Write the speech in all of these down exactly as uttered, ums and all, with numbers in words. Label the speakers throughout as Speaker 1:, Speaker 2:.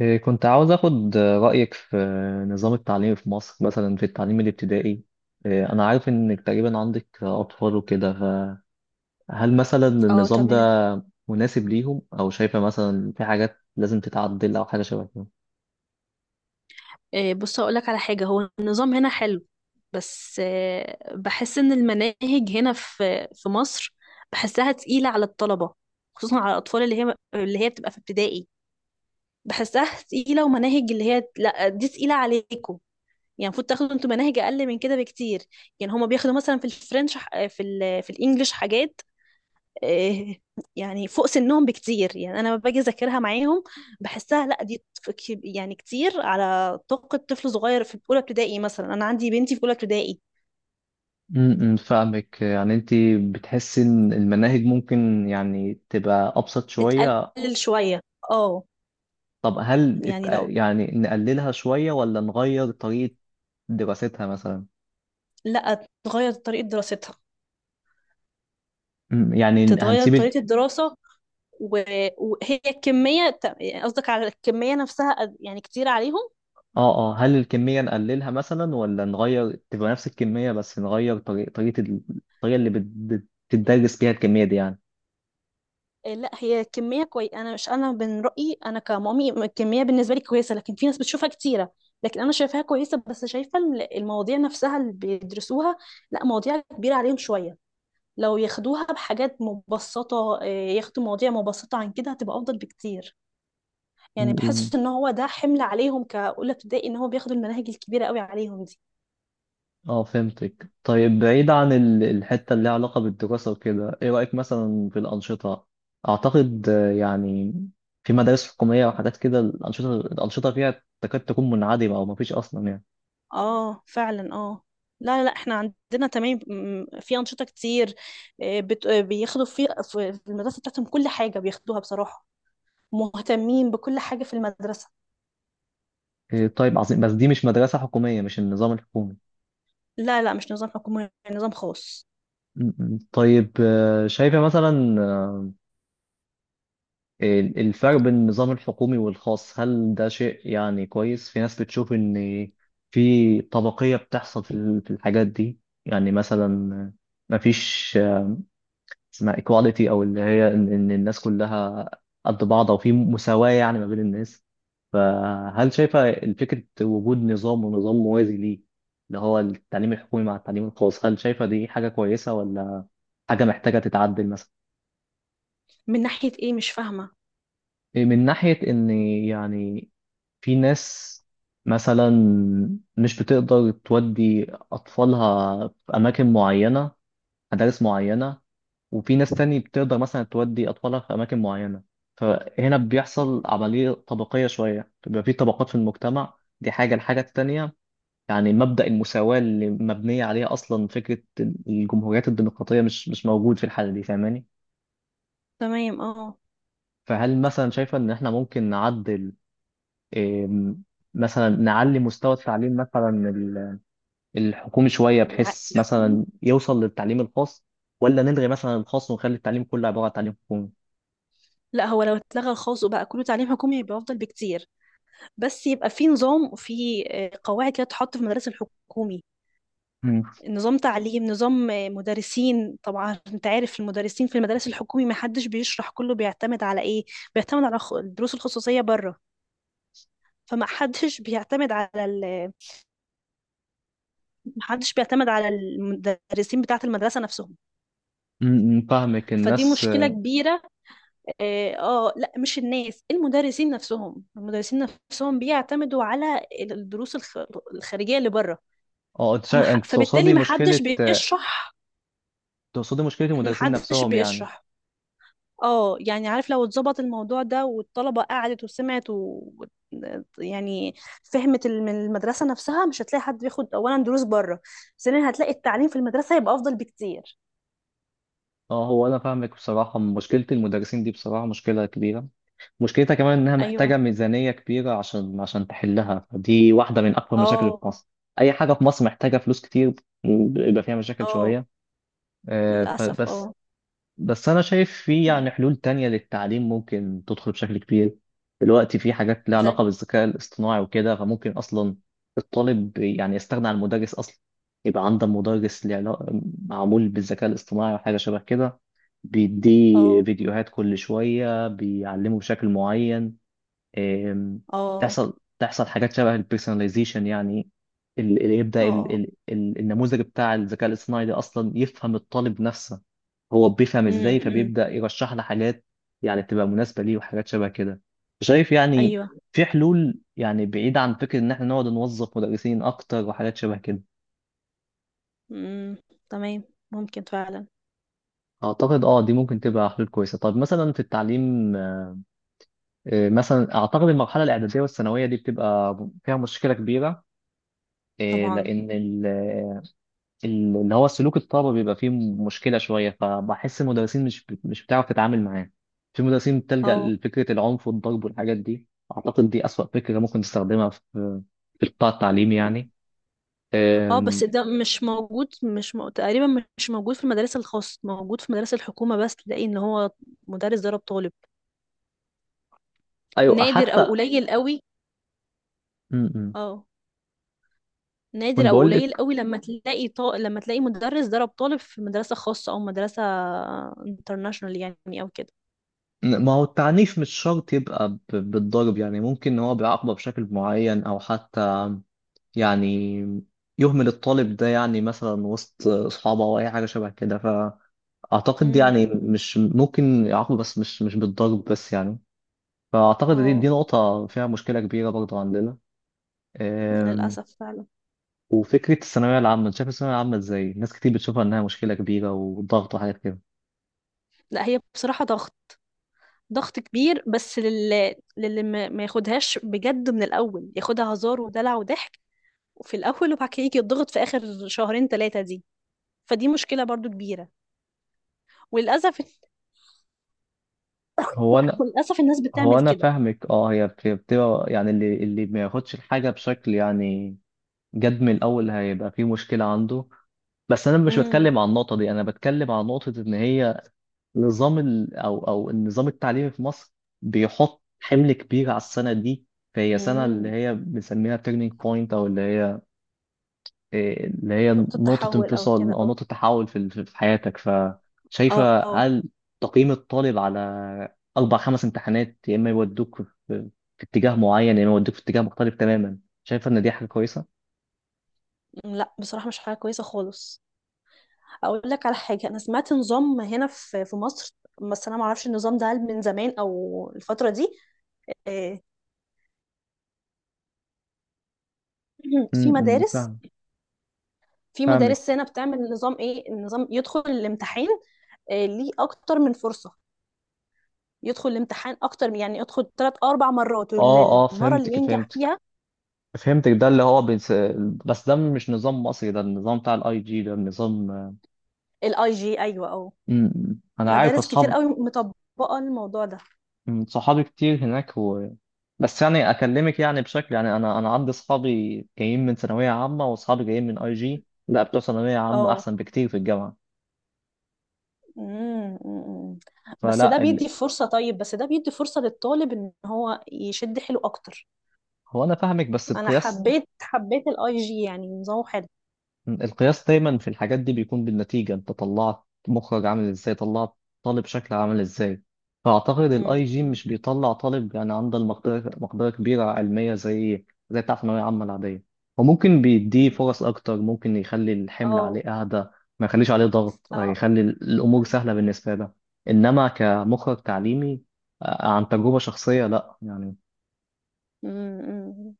Speaker 1: إيه، كنت عاوز أخد رأيك في نظام التعليم في مصر، مثلا في التعليم الابتدائي. إيه، أنا عارف إنك تقريبا عندك أطفال وكده، فهل مثلا
Speaker 2: اه
Speaker 1: النظام ده
Speaker 2: تمام.
Speaker 1: مناسب ليهم، أو شايفة مثلا في حاجات لازم تتعدل أو حاجة شبه كده؟
Speaker 2: آه، بص هقولك على حاجة، هو النظام هنا حلو. بس آه، بحس ان المناهج هنا في في مصر، بحسها تقيلة على الطلبة، خصوصا على الأطفال اللي هي اللي هي بتبقى في ابتدائي. بحسها تقيلة، ومناهج اللي هي، لا دي تقيلة عليكم. يعني المفروض تاخدوا انتوا مناهج أقل من كده بكتير. يعني هما بياخدوا مثلا في الفرنش، ح- في ال في الإنجليش حاجات، إيه، يعني فوق سنهم بكتير. يعني انا لما باجي اذاكرها معاهم بحسها، لا دي ط- ك- يعني كتير على طاقة طفل صغير في اولى ابتدائي. مثلا انا عندي بنتي في اولى ابتدائي.
Speaker 1: امم فاهمك، يعني انت بتحسي ان المناهج ممكن يعني تبقى ابسط شوية.
Speaker 2: تتقلل شوية، اه.
Speaker 1: طب هل ات-
Speaker 2: يعني لو،
Speaker 1: يعني نقللها شوية ولا نغير طريقة دراستها مثلا؟
Speaker 2: لا تغير طريقة دراستها.
Speaker 1: أمم، يعني
Speaker 2: تتغير
Speaker 1: هنسيب.
Speaker 2: طريقة الدراسة. و- وهي الكمية، ت- يعني قصدك على الكمية نفسها؟ قد- يعني كتير عليهم.
Speaker 1: اه اه، هل الكمية نقللها مثلا، ولا نغير تبقى نفس الكمية بس نغير طريقة طريقة ال- الطريقة اللي بت- بت- بتدرس بيها الكمية دي يعني.
Speaker 2: آه، لا هي كمية كويس، أنا مش، أنا من رأيي، أنا كمامي الكمية بالنسبة لي كويسة، لكن في ناس بتشوفها كتيرة. لكن أنا شايفاها كويسة، بس شايفة ال- المواضيع نفسها اللي بيدرسوها، لا، مواضيع كبيرة عليهم شوية. لو ياخدوها بحاجات مبسطة، آه، ياخدوا مواضيع مبسطة عن كده، هتبقى أفضل بكتير.
Speaker 1: م-
Speaker 2: يعني
Speaker 1: م.
Speaker 2: بحس إن هو ده حمل عليهم كأولى ابتدائي، إن هو بياخدوا المناهج الكبيرة قوي عليهم دي.
Speaker 1: اه فهمتك. طيب بعيد عن ال- الحتة اللي لها علاقة بالدراسة وكده، ايه رأيك مثلا في الأنشطة؟ أعتقد آه، يعني في مدارس حكومية وحاجات كده، الأنشطة الأنشطة فيها تكاد تكون منعدمة أو مفيش أصلا يعني.
Speaker 2: اه فعلا، اه. لا لا، احنا عندنا تمام، م- في انشطه كتير. آه، بت... آه، بياخدوا في في في المدرسه بتاعتهم كل حاجه بياخدوها بصراحه. مهتمين بكل حاجه في المدرسه.
Speaker 1: إيه، طيب عظيم، بس دي مش مدرسة حكومية، مش النظام الحكومي.
Speaker 2: لا لا، مش نظام حكومي، نظام خاص.
Speaker 1: م- م. طيب آه، شايفة مثلا ال- الفرق بين النظام الحكومي والخاص، هل ده شيء يعني كويس؟ في ناس بتشوف إن في طبقية بتحصل في ال- في الحاجات دي. يعني مثلا مفيش اسمها إكواليتي، أو اللي هي إن إن الناس كلها قد بعض، أو في مساواة يعني ما بين الناس. فهل شايفة فكرة وجود نظام ونظام موازي ليه، اللي هو التعليم الحكومي مع التعليم الخاص، هل شايفة دي حاجة كويسة، ولا حاجة محتاجة تتعدل مثلا؟
Speaker 2: من ناحيه ايه؟ مش فاهمه.
Speaker 1: من ناحية إن يعني في ناس مثلا مش بتقدر تودي أطفالها في أماكن معينة، مدارس معينة، وفي ناس تاني بتقدر مثلا تودي أطفالها في أماكن معينة، فهنا بيحصل عملية طبقية شوية، بيبقى في طبقات في المجتمع. دي حاجة. الحاجة التانية، يعني مبدأ المساواة اللي مبنية عليها أصلا فكرة الجمهوريات الديمقراطية، مش مش موجود في الحالة دي، فاهماني؟
Speaker 2: تمام، اه.
Speaker 1: فهل مثلا شايفة إن إحنا ممكن نعدل، إيه، مثلا نعلي مستوى التعليم مثلا الحكومي شوية
Speaker 2: الع-
Speaker 1: بحيث
Speaker 2: الحكومي.
Speaker 1: مثلا يوصل للتعليم الخاص، ولا نلغي مثلا الخاص ونخلي التعليم كله عبارة عن تعليم حكومي؟
Speaker 2: لا هو لو اتلغى الخاص وبقى كله تعليم حكومي يبقى افضل بكتير، بس يبقى في نظام، وفي آه، قواعد كده تحط في المدرسه الحكومي.
Speaker 1: مم.
Speaker 2: نظام تعليم، نظام مدرسين. طبعا انت عارف المدرسين في المدارس الحكومي ما حدش بيشرح، كله بيعتمد على ايه، بيعتمد على خ- الدروس الخصوصية بره. فما حدش بيعتمد على ال... ما حدش بيعتمد على المدرسين بتاعة المدرسة نفسهم.
Speaker 1: مم، فاهمك.
Speaker 2: فدي
Speaker 1: الناس،
Speaker 2: مشكلة كبيرة. اه، آه، لا مش الناس، المدرسين نفسهم المدرسين نفسهم بيعتمدوا على الدروس الخ... الخارجية اللي بره.
Speaker 1: اه انت
Speaker 2: فما
Speaker 1: شا-
Speaker 2: ح...
Speaker 1: انت
Speaker 2: فبالتالي
Speaker 1: تقصدي
Speaker 2: ما
Speaker 1: مشكلة
Speaker 2: حدش
Speaker 1: آه،
Speaker 2: بيشرح
Speaker 1: تقصدي مشكلة
Speaker 2: ما
Speaker 1: المدرسين
Speaker 2: حدش
Speaker 1: نفسهم يعني.
Speaker 2: بيشرح. اه يعني عارف، لو اتظبط الموضوع ده والطلبة قعدت وسمعت و... يعني فهمت، ال- من المدرسة نفسها، مش هتلاقي حد بياخد أولا دروس بره. ثانيا هتلاقي التعليم في المدرسة هيبقى أفضل بكتير.
Speaker 1: اه، هو انا فاهمك، بصراحة مشكلة المدرسين دي بصراحة مشكلة كبيرة. مشكلتها كمان انها
Speaker 2: أيوه.
Speaker 1: محتاجة ميزانية كبيرة عشان عشان تحلها، دي واحدة من اكبر مشاكل في
Speaker 2: اه.
Speaker 1: مصر. اي حاجة في مصر محتاجة فلوس كتير، ويبقى فيها مشاكل
Speaker 2: اه.
Speaker 1: شوية. آه،
Speaker 2: للأسف،
Speaker 1: فبس
Speaker 2: اه.
Speaker 1: بس انا شايف في يعني حلول تانية للتعليم ممكن تدخل بشكل كبير. دلوقتي في حاجات لها
Speaker 2: زي.
Speaker 1: علاقة بالذكاء الاصطناعي وكده، فممكن اصلا الطالب يعني يستغنى عن المدرس اصلا. يبقى عنده مدرس ليه علاقة، معمول بالذكاء الاصطناعي وحاجة شبه كده، بيديه
Speaker 2: اه،
Speaker 1: فيديوهات كل شوية بيعلمه بشكل معين. أم،
Speaker 2: اه،
Speaker 1: تحصل تحصل حاجات شبه البيرسوناليزيشن يعني، اللي يبدأ ال-
Speaker 2: اه.
Speaker 1: ال- ال- النموذج بتاع الذكاء الاصطناعي ده اصلا يفهم الطالب نفسه، هو بيفهم ازاي،
Speaker 2: أمم.
Speaker 1: فبيبدأ يرشح لي حاجات يعني تبقى مناسبة ليه وحاجات شبه كده. شايف يعني
Speaker 2: أيوه.
Speaker 1: في حلول يعني بعيدة عن فكرة ان احنا نقعد نوظف مدرسين اكتر وحاجات شبه كده.
Speaker 2: أمم، تمام، ممكن فعلا.
Speaker 1: اعتقد اه دي ممكن
Speaker 2: أمم.
Speaker 1: تبقى حلول كويسة. طب مثلا في التعليم، آه، مثلا اعتقد المرحلة الاعدادية والثانوية دي بتبقى فيها مشكلة كبيرة. آه،
Speaker 2: طبعا.
Speaker 1: لان ال- ال- اللي هو سلوك الطلبة بيبقى فيه مشكلة شوية، فبحس المدرسين مش بت- مش بتعرف تتعامل معاه. في مدرسين بتلجأ
Speaker 2: اه.
Speaker 1: لفكرة العنف والضرب والحاجات دي. أعتقد دي أسوأ فكرة ممكن تستخدمها في في القطاع التعليمي يعني.
Speaker 2: اه.
Speaker 1: أم،
Speaker 2: بس ده مش موجود، مش م... تقريبا مش موجود في المدارس الخاصة، موجود في مدارس الحكومة، بس تلاقي ان هو مدرس ضرب طالب.
Speaker 1: أيوة
Speaker 2: نادر او
Speaker 1: حتى.
Speaker 2: قليل قوي.
Speaker 1: م- م.
Speaker 2: اه. نادر
Speaker 1: كنت
Speaker 2: او
Speaker 1: بقول لك،
Speaker 2: قليل قوي لما تلاقي ط... لما تلاقي مدرس ضرب طالب في مدرسة خاصة او مدرسة انترناشونال يعني او كده.
Speaker 1: إن- ما هو التعنيف مش شرط يبقى ب- بالضرب يعني. ممكن إن هو بيعاقبه بشكل معين، أو حتى يعني يهمل الطالب ده يعني مثلا وسط أصحابه أو أي حاجة شبه كده. اعتقد يعني
Speaker 2: امم.
Speaker 1: مش ممكن يعاقبوا بس، مش مش بالضرب بس يعني. فاعتقد دي دي
Speaker 2: اه.
Speaker 1: نقطة فيها مشكلة كبيرة برضه عندنا. أم،
Speaker 2: للأسف فعلا.
Speaker 1: وفكرة الثانوية العامة، انت شايف الثانوية العامة ازاي؟ ناس كتير بتشوفها انها مشكلة كبيرة وضغط وحاجات كده.
Speaker 2: لا هي بصراحة ضغط، ضغط كبير. بس لل... للي ما ما ياخدهاش بجد من الأول، ياخدها هزار ودلع وضحك في الأول، وبعد كده يجي يتضغط في آخر شهرين ثلاثة دي. فدي مشكلة برضو كبيرة، وللأسف.
Speaker 1: هو انا
Speaker 2: وللأسف الناس
Speaker 1: هو
Speaker 2: بتعمل
Speaker 1: انا
Speaker 2: كده.
Speaker 1: فاهمك. اه هي بت- بتبقى يعني، اللي اللي ما ياخدش الحاجة بشكل يعني جد من الاول هيبقى فيه مشكلة عنده. بس انا مش
Speaker 2: امم.
Speaker 1: بتكلم عن النقطة دي، انا بتكلم عن نقطة ان هي نظام ال... او او النظام التعليمي في مصر بيحط حمل كبير على السنه دي. فهي سنه اللي
Speaker 2: امم.
Speaker 1: هي بنسميها تيرنينج بوينت، او اللي هي إيه، اللي هي
Speaker 2: نقطة
Speaker 1: نقطه
Speaker 2: تحول أو
Speaker 1: انفصال
Speaker 2: كده
Speaker 1: او
Speaker 2: أو،
Speaker 1: نقطه تحول في ال- في حياتك.
Speaker 2: اه،
Speaker 1: فشايفه
Speaker 2: آه.
Speaker 1: هل تقييم الطالب على أربع خمس امتحانات، يا اما يودوك في في اتجاه معين، يا اما يودوك في اتجاه مختلف تماما، شايفه ان دي حاجه كويسه؟
Speaker 2: أمم، لا بصراحة مش حاجة كويسة خالص. أقول لك على حاجة، أنا سمعت نظام هنا في في مصر، بس أنا معرفش النظام ده هل من زمان أو الفترة دي. آه، في
Speaker 1: امم
Speaker 2: مدارس
Speaker 1: فاهم
Speaker 2: في
Speaker 1: فاهمك
Speaker 2: مدارس هنا بتعمل نظام. إيه النظام؟ يدخل الامتحان آه، ليه أكتر من فرصة، يدخل الامتحان أكتر، يعني يدخل ثلاث أربع مرات،
Speaker 1: اه اه
Speaker 2: والمرة اللي
Speaker 1: فهمتك
Speaker 2: ينجح
Speaker 1: فهمتك
Speaker 2: فيها.
Speaker 1: فهمتك ده اللي هو بس، بس ده مش نظام مصري، ده النظام بتاع الاي جي، ده النظام.
Speaker 2: الاي جي، ايوه، اه.
Speaker 1: مم. انا عارف
Speaker 2: مدارس كتير
Speaker 1: اصحاب،
Speaker 2: قوي مطبقة الموضوع ده.
Speaker 1: مم، صحابي كتير هناك، و... بس يعني اكلمك يعني بشكل يعني، انا انا عندي اصحابي جايين من ثانويه عامه واصحابي جايين من آي جي، لا بتوع ثانويه عامه
Speaker 2: اه.
Speaker 1: احسن بكتير في الجامعه.
Speaker 2: مم، مم. بس ده
Speaker 1: فلا ال...
Speaker 2: بيدي فرصة طيب، بس ده بيدي فرصة للطالب ان هو يشد حيله اكتر.
Speaker 1: هو انا فاهمك بس
Speaker 2: انا
Speaker 1: بقياس،
Speaker 2: حبيت حبيت الاي جي، يعني نظامه حلو.
Speaker 1: القياس دايما في الحاجات دي بيكون بالنتيجة. انت طلعت مخرج عامل ازاي، طلعت طالب شكل عامل ازاي. فأعتقد الاي
Speaker 2: مم،
Speaker 1: جي
Speaker 2: مم،
Speaker 1: مش بيطلع طالب يعني عنده المقدرة، مقدرة كبيرة علمية زي زي بتاع ثانوية عامة العادية. وممكن بيديه
Speaker 2: مم.
Speaker 1: فرص أكتر، ممكن يخلي الحمل
Speaker 2: اه
Speaker 1: عليه أهدى، ما يخليش عليه ضغط،
Speaker 2: اه،
Speaker 1: يخلي الأمور
Speaker 2: فعلا.
Speaker 1: سهلة بالنسبة له. إنما كمخرج تعليمي، آه، عن تجربة شخصية لأ يعني.
Speaker 2: مم، مم.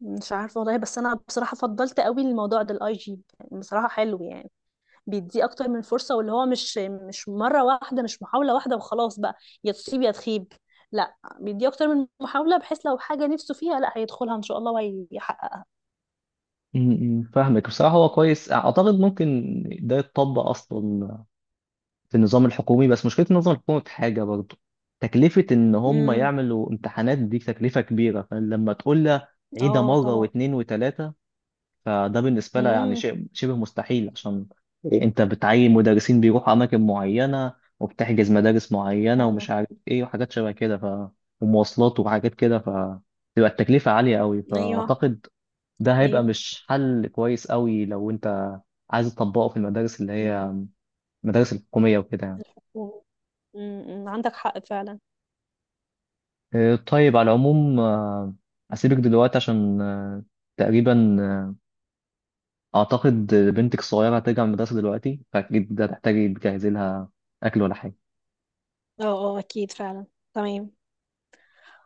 Speaker 2: مش عارفة والله، بس انا بصراحة فضلت قوي الموضوع ده الاي جي، بصراحة حلو يعني. بيديه اكتر من فرصه، واللي هو مش مش مره واحده، مش محاوله واحده، وخلاص بقى يا تصيب يا تخيب. لا بيديه اكتر من محاوله، بحيث لو حاجه نفسه فيها، لا هيدخلها ان شاء الله وهيحققها.
Speaker 1: م- م، فاهمك. بصراحة هو كويس، أعتقد ممكن ده يتطبق أصلا في النظام الحكومي. بس مشكلة النظام الحكومي في حاجة برضه، تكلفة إن هم
Speaker 2: امم.
Speaker 1: يعملوا امتحانات دي تكلفة كبيرة. فلما تقول لها عيدها
Speaker 2: اه،
Speaker 1: مرة
Speaker 2: طبعا.
Speaker 1: واتنين وتلاتة، فده بالنسبة لها يعني
Speaker 2: امم،
Speaker 1: شيء شبه مستحيل، عشان أنت بتعين مدرسين بيروحوا أماكن معينة، وبتحجز مدارس معينة
Speaker 2: فعلا.
Speaker 1: ومش عارف إيه وحاجات شبه كده، ف ومواصلات وحاجات كده، فتبقى التكلفة عالية قوي.
Speaker 2: ايوه.
Speaker 1: فأعتقد ده هيبقى
Speaker 2: ايوه.
Speaker 1: مش حل كويس قوي لو أنت عايز تطبقه في المدارس اللي هي المدارس الحكومية وكده يعني.
Speaker 2: امم، عندك حق فعلا.
Speaker 1: آه، طيب على العموم، آه، أسيبك دلوقتي عشان آه، تقريبا آه، أعتقد بنتك الصغيرة هترجع من المدرسة دلوقتي، فأكيد هتحتاجي تجهزي لها أكل ولا حاجة.
Speaker 2: اه، اه، اكيد فعلا. تمام.